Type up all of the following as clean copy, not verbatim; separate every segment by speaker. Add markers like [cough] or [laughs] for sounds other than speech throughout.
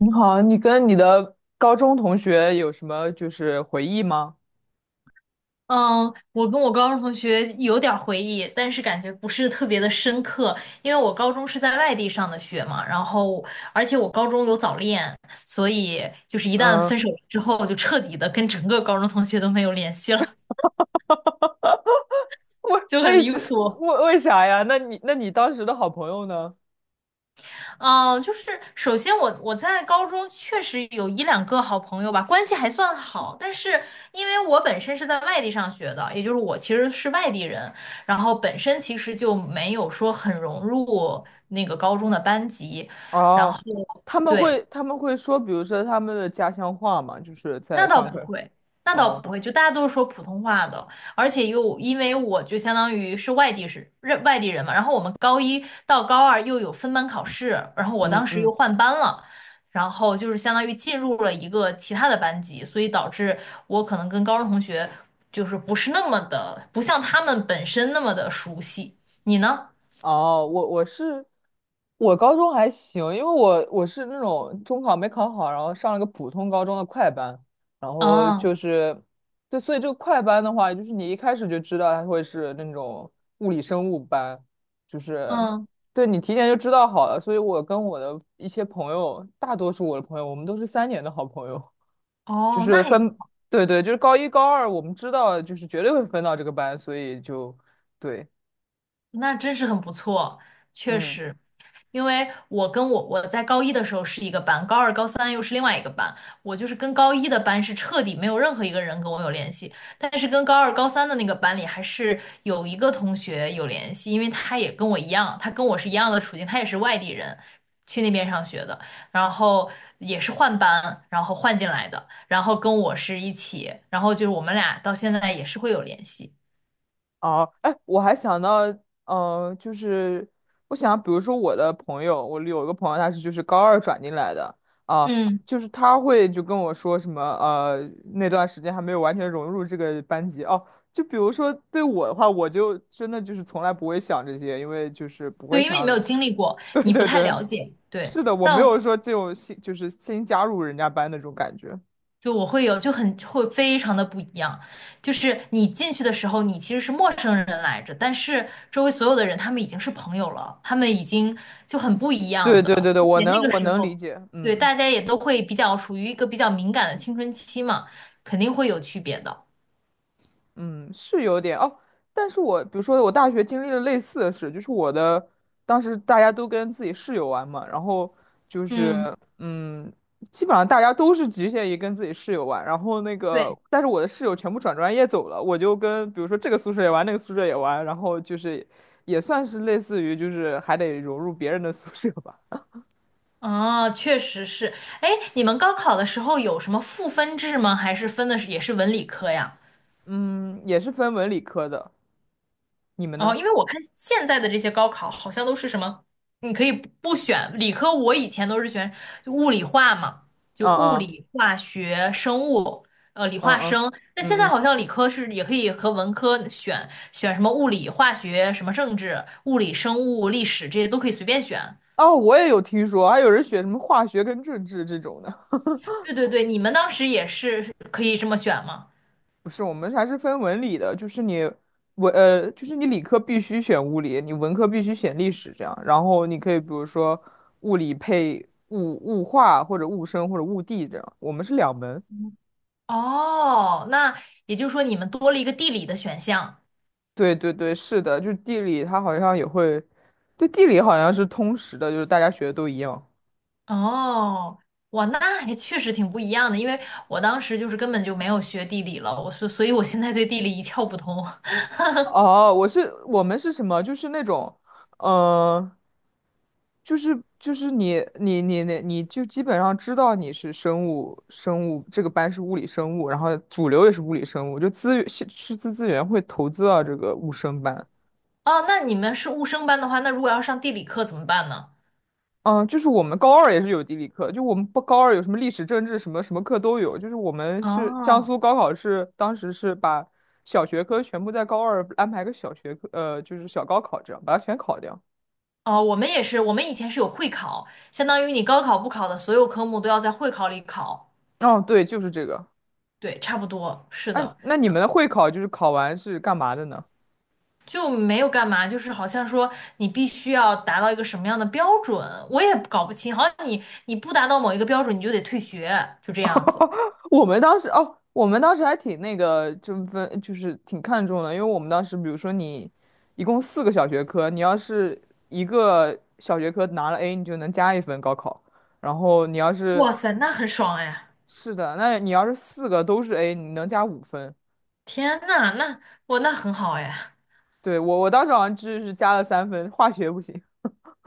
Speaker 1: 你好，你跟你的高中同学有什么回忆吗？
Speaker 2: 嗯，我跟我高中同学有点儿回忆，但是感觉不是特别的深刻，因为我高中是在外地上的学嘛，然后而且我高中有早恋，所以就是一旦
Speaker 1: 嗯。
Speaker 2: 分手之后，就彻底的跟整个高中同学都没有联系了，
Speaker 1: [laughs] 为
Speaker 2: 就很
Speaker 1: 为
Speaker 2: 离
Speaker 1: 什
Speaker 2: 谱。
Speaker 1: 为为啥呀？那你当时的好朋友呢？
Speaker 2: 嗯，就是首先我在高中确实有一两个好朋友吧，关系还算好。但是因为我本身是在外地上学的，也就是我其实是外地人，然后本身其实就没有说很融入那个高中的班级，然后
Speaker 1: 哦，他们会
Speaker 2: 对。
Speaker 1: 他们会说，比如说他们的家乡话嘛，就是在
Speaker 2: 那倒
Speaker 1: 上
Speaker 2: 不
Speaker 1: 课。
Speaker 2: 会，那倒
Speaker 1: 哦，
Speaker 2: 不会，就大家都是说普通话的，而且又因为我就相当于是外地人嘛，然后我们高一到高二又有分班考试，然后我
Speaker 1: 嗯
Speaker 2: 当时
Speaker 1: 嗯。
Speaker 2: 又换班了，然后就是相当于进入了一个其他的班级，所以导致我可能跟高中同学就是不是那么的，不像他们本身那么的熟悉。你呢？
Speaker 1: 哦，我是我高中还行，因为我是那种中考没考好，然后上了个普通高中的快班，然后
Speaker 2: 嗯
Speaker 1: 就是对，所以这个快班的话，就是你一开始就知道它会是那种物理生物班，就是
Speaker 2: 嗯，
Speaker 1: 对你提前就知道好了，所以我跟我的一些朋友，大多数我的朋友，我们都是三年的好朋友，就
Speaker 2: 哦，那
Speaker 1: 是
Speaker 2: 还
Speaker 1: 分，对对，就是高一高二，我们知道就是绝对会分到这个班，所以就对，
Speaker 2: 那真是很不错，确
Speaker 1: 嗯。
Speaker 2: 实。因为我跟我我在高一的时候是一个班，高二、高三又是另外一个班。我就是跟高一的班是彻底没有任何一个人跟我有联系，但是跟高二、高三的那个班里还是有一个同学有联系，因为他也跟我一样，他跟我是一样的处境，他也是外地人，去那边上学的，然后也是换班，然后换进来的，然后跟我是一起，然后就是我们俩到现在也是会有联系。
Speaker 1: 哦，哎，我还想到，呃，就是我想，比如说我的朋友，我有一个朋友，他是就是高二转进来的啊，
Speaker 2: 嗯。
Speaker 1: 就是他会就跟我说什么，那段时间还没有完全融入这个班级哦。就比如说对我的话，我就真的就是从来不会想这些，因为就是不会
Speaker 2: 对，因为你没有
Speaker 1: 想。
Speaker 2: 经历过，
Speaker 1: [laughs] 对
Speaker 2: 你不
Speaker 1: 对
Speaker 2: 太
Speaker 1: 对，
Speaker 2: 了解。对，
Speaker 1: 是的，我没有
Speaker 2: 但
Speaker 1: 说这种新就是新加入人家班那种感觉。
Speaker 2: 就我会有就很会非常的不一样，就是你进去的时候，你其实是陌生人来着，但是周围所有的人他们已经是朋友了，他们已经就很不一样
Speaker 1: 对
Speaker 2: 的。
Speaker 1: 对对对，
Speaker 2: 而
Speaker 1: 我
Speaker 2: 且那
Speaker 1: 能
Speaker 2: 个
Speaker 1: 我
Speaker 2: 时
Speaker 1: 能理
Speaker 2: 候，
Speaker 1: 解，
Speaker 2: 对，
Speaker 1: 嗯。
Speaker 2: 大家也都会比较属于一个比较敏感的青春期嘛，肯定会有区别的。
Speaker 1: 嗯，是有点哦，但是我比如说我大学经历了类似的事，就是我的当时大家都跟自己室友玩嘛，然后就是
Speaker 2: 嗯，
Speaker 1: 嗯，基本上大家都是局限于跟自己室友玩，然后那个
Speaker 2: 对，
Speaker 1: 但是我的室友全部转专业走了，我就跟比如说这个宿舍也玩，那个宿舍也玩，然后就是也算是类似于就是还得融入别人的宿舍吧。
Speaker 2: 哦，确实是。哎，你们高考的时候有什么赋分制吗？还是分的是也是文理科呀？
Speaker 1: [laughs] 嗯，也是分文理科的，你们
Speaker 2: 哦，
Speaker 1: 呢？
Speaker 2: 因为我看现在的这些高考好像都是什么，你可以不选理科，我以前都是选就物理化嘛，就
Speaker 1: 嗯
Speaker 2: 物
Speaker 1: 嗯
Speaker 2: 理、化学、生物，理
Speaker 1: 嗯
Speaker 2: 化
Speaker 1: 嗯
Speaker 2: 生。那
Speaker 1: 嗯
Speaker 2: 现在
Speaker 1: 嗯。
Speaker 2: 好像理科是也可以和文科选选什么物理、化学、什么政治、物理、生物、历史这些都可以随便选。
Speaker 1: 哦，我也有听说，还有人选什么化学跟政治这种的。
Speaker 2: 对对对，你们当时也是可以这么选吗？
Speaker 1: 不是，我们还是分文理的，就是你就是你理科必须选物理，你文科必须选历史，这样。然后你可以比如说物理配物化或者物生或者物地这样。我们是两门。
Speaker 2: 哦，那也就是说你们多了一个地理的选项。
Speaker 1: 对对对，是的，就地理它好像也会，对地理好像是通识的，就是大家学的都一样。
Speaker 2: 哦，哇，那还确实挺不一样的，因为我当时就是根本就没有学地理了，我所以我现在对地理一窍不通。[laughs]
Speaker 1: 哦，我们是什么？就是那种，嗯、就是你就基本上知道你是生物生物这个班是物理生物，然后主流也是物理生物，就资源是师资资源会投资到这个物生班。
Speaker 2: 哦，那你们是物生班的话，那如果要上地理课怎么办呢？
Speaker 1: 嗯，就是我们高二也是有地理课，就我们不高二有什么历史、政治什么什么课都有，就是我们是江
Speaker 2: 哦
Speaker 1: 苏高考是当时是把小学科全部在高二安排个小学科，就是小高考这样把它全考掉。
Speaker 2: 哦，我们也是，我们以前是有会考，相当于你高考不考的所有科目都要在会考里考。
Speaker 1: 哦，对，就是这个。
Speaker 2: 对，差不多，是
Speaker 1: 哎，
Speaker 2: 的，
Speaker 1: 那你们的会考就是考完是干嘛的呢？
Speaker 2: 就没有干嘛，就是好像说你必须要达到一个什么样的标准，我也搞不清，好像你不达到某一个标准，你就得退学，就这样子。
Speaker 1: 我们当时还挺那个，就是挺看重的，因为我们当时比如说你一共四个小学科，你要是一个小学科拿了 A，你就能加一分高考，然后你要是
Speaker 2: 哇塞，那很爽哎！
Speaker 1: 是的，那你要是四个都是 A，你能加五分。
Speaker 2: 天呐，那我那很好哎。
Speaker 1: 对，我当时好像就是加了三分，化学不行。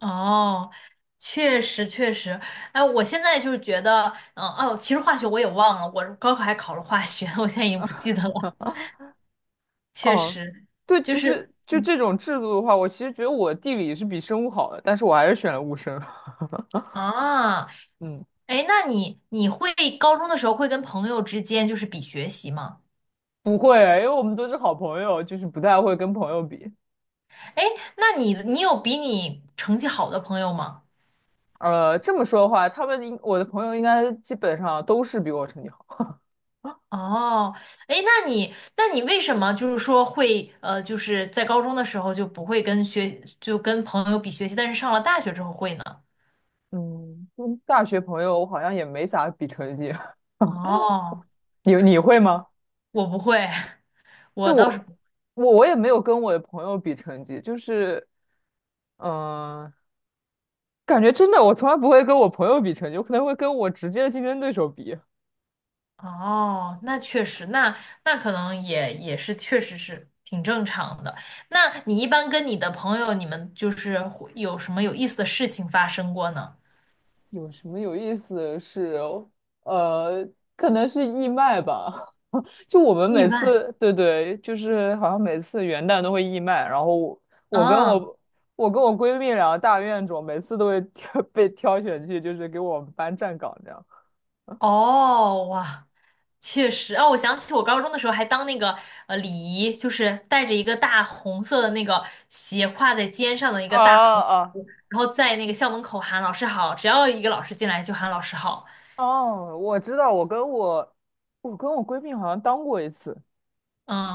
Speaker 2: 哦，确实确实，哎，我现在就是觉得，嗯哦，其实化学我也忘了，我高考还考了化学，[laughs] 我现在已经不记得了。确
Speaker 1: 哦，
Speaker 2: 实，
Speaker 1: 对，
Speaker 2: 就
Speaker 1: 其实
Speaker 2: 是
Speaker 1: 就
Speaker 2: 嗯
Speaker 1: 这种制度的话，我其实觉得我地理是比生物好的，但是我还是选了物生。[laughs]
Speaker 2: 啊，
Speaker 1: 嗯，
Speaker 2: 哎，那你会高中的时候会跟朋友之间就是比学习吗？
Speaker 1: 不会，因为我们都是好朋友，就是不太会跟朋友比。
Speaker 2: 哎，那你有比你成绩好的朋友吗？
Speaker 1: 这么说的话，他们应我的朋友应该基本上都是比我成绩好。
Speaker 2: 哦，哎，那你，那你为什么就是说会就是在高中的时候就不会跟学，就跟朋友比学习，但是上了大学之后会呢？
Speaker 1: 嗯,大学朋友我好像也没咋比成绩。
Speaker 2: 哦，
Speaker 1: [laughs] 你你会吗？
Speaker 2: 我不会，[laughs]
Speaker 1: 对
Speaker 2: 我倒是
Speaker 1: 我，
Speaker 2: 不。
Speaker 1: 我也没有跟我的朋友比成绩，就是，嗯、感觉真的我从来不会跟我朋友比成绩，我可能会跟我直接的竞争对手比。
Speaker 2: 哦，那确实，那那可能也是，确实是挺正常的。那你一般跟你的朋友，你们就是会有什么有意思的事情发生过呢？
Speaker 1: 有什么有意思的事哦？呃，可能是义卖吧。[laughs] 就我们
Speaker 2: 意
Speaker 1: 每
Speaker 2: 外。
Speaker 1: 次，对对，就是好像每次元旦都会义卖，然后我跟
Speaker 2: 啊，
Speaker 1: 我我跟我闺蜜两个大怨种，每次都会挑 [laughs] 被挑选去，就是给我们班站岗这样。
Speaker 2: 哦，哇。确实，哦，我想起我高中的时候还当那个礼仪，就是带着一个大红色的那个斜挎在肩上的一
Speaker 1: 啊
Speaker 2: 个大横
Speaker 1: 啊
Speaker 2: 幅，然后在那个校门口喊老师好，只要一个老师进来就喊老师好。
Speaker 1: 哦，我知道，我跟我闺蜜好像当过一次，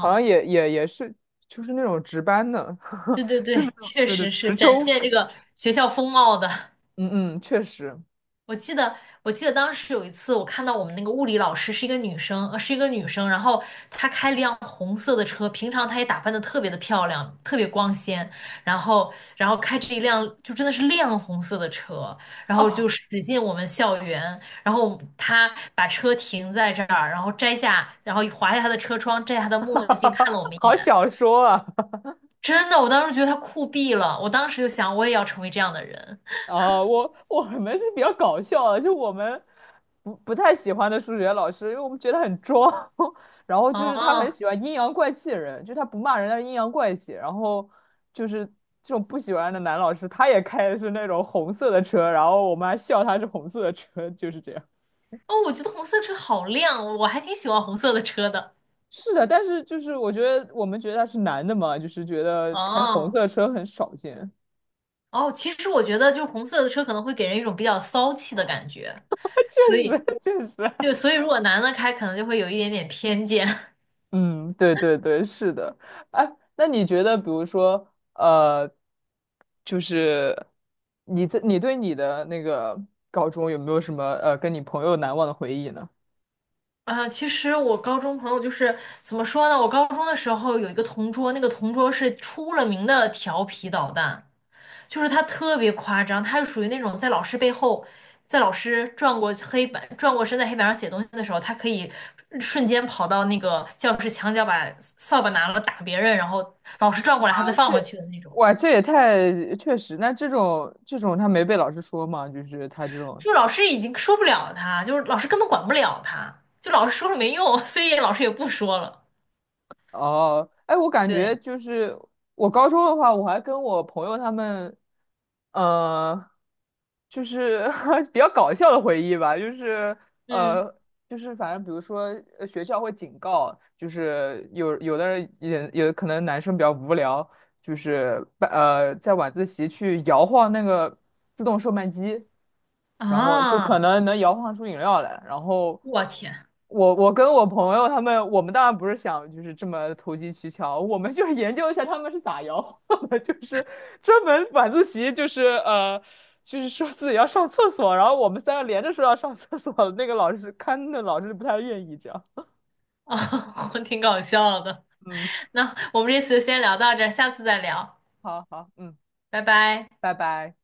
Speaker 1: 好像也是就是那种值班的，
Speaker 2: 对对
Speaker 1: [laughs] 就那
Speaker 2: 对，
Speaker 1: 种
Speaker 2: 确
Speaker 1: 对对
Speaker 2: 实
Speaker 1: 值
Speaker 2: 是展
Speaker 1: 周
Speaker 2: 现
Speaker 1: 值，
Speaker 2: 这个学校风貌的。
Speaker 1: 嗯嗯，确实。
Speaker 2: 我记得，我记得当时有一次，我看到我们那个物理老师是一个女生，是一个女生，然后她开了辆红色的车，平常她也打扮的特别的漂亮，特别光鲜，然后，然后开着一辆就真的是亮红色的车，然后就
Speaker 1: 哦。
Speaker 2: 驶进我们校园，然后她把车停在这儿，然后摘下，然后划下她的车窗，摘下她的墨镜，看了我
Speaker 1: [laughs]
Speaker 2: 们一
Speaker 1: 好
Speaker 2: 眼，
Speaker 1: 小说啊！[laughs]
Speaker 2: 真的，我当时觉得她酷毙了，我当时就想，我也要成为这样的人，
Speaker 1: 我我们是比较搞笑的，就我们不太喜欢的数学老师，因为我们觉得很装。[laughs] 然后就是他很
Speaker 2: 哦。
Speaker 1: 喜欢阴阳怪气的人，就他不骂人，但是阴阳怪气。然后就是这种不喜欢的男老师，他也开的是那种红色的车，然后我们还笑他是红色的车。[laughs] 就是这样。
Speaker 2: 哦，我觉得红色车好亮，我还挺喜欢红色的车的。
Speaker 1: 是的，但是就是我们觉得他是男的嘛，就是觉得开红
Speaker 2: 哦
Speaker 1: 色车很少见。
Speaker 2: 哦，其实我觉得就是红色的车可能会给人一种比较骚气的感觉，
Speaker 1: [laughs]
Speaker 2: 所
Speaker 1: 确
Speaker 2: 以
Speaker 1: 实确实。
Speaker 2: 就所以如果男的开，可能就会有一点点偏见。[laughs]
Speaker 1: 嗯，对对对，是的。哎，那你觉得，比如说，呃，就是你对你的那个高中有没有什么跟你朋友难忘的回忆呢？
Speaker 2: 啊，其实我高中朋友就是怎么说呢？我高中的时候有一个同桌，那个同桌是出了名的调皮捣蛋。就是他特别夸张，他是属于那种在老师背后，在老师转过黑板、转过身在黑板上写东西的时候，他可以瞬间跑到那个教室墙角，把扫把拿了打别人，然后老师转过来，他再
Speaker 1: 啊，这
Speaker 2: 放回去的那种。
Speaker 1: 哇，这也太确实。那这种这种他没被老师说嘛？就是他这种
Speaker 2: 就老师已经说不了他，就是老师根本管不了他，就老师说了没用，[laughs] 所以老师也不说了。
Speaker 1: 哦，哎，我感觉
Speaker 2: 对，
Speaker 1: 就是我高中的话，我还跟我朋友他们，呃，就是 [laughs] 比较搞笑的回忆吧，呃，
Speaker 2: 嗯
Speaker 1: 就是反正比如说学校会警告，就是有的人也有可能男生比较无聊，就是在晚自习去摇晃那个自动售卖机，然后就
Speaker 2: 啊，
Speaker 1: 可能能摇晃出饮料来。然后
Speaker 2: 我天
Speaker 1: 我跟我朋友他们，我们当然不是想就是这么投机取巧，我们就是研究一下他们是咋摇晃的。[laughs] 就是专门晚自习。就是说自己要上厕所，然后我们三个连着说要上厕所，那个老师不太愿意这样。
Speaker 2: 啊，[laughs] 我挺搞笑的。
Speaker 1: 嗯，
Speaker 2: 那我们这次就先聊到这儿，下次再聊，
Speaker 1: 好好，嗯，
Speaker 2: 拜拜。
Speaker 1: 拜拜。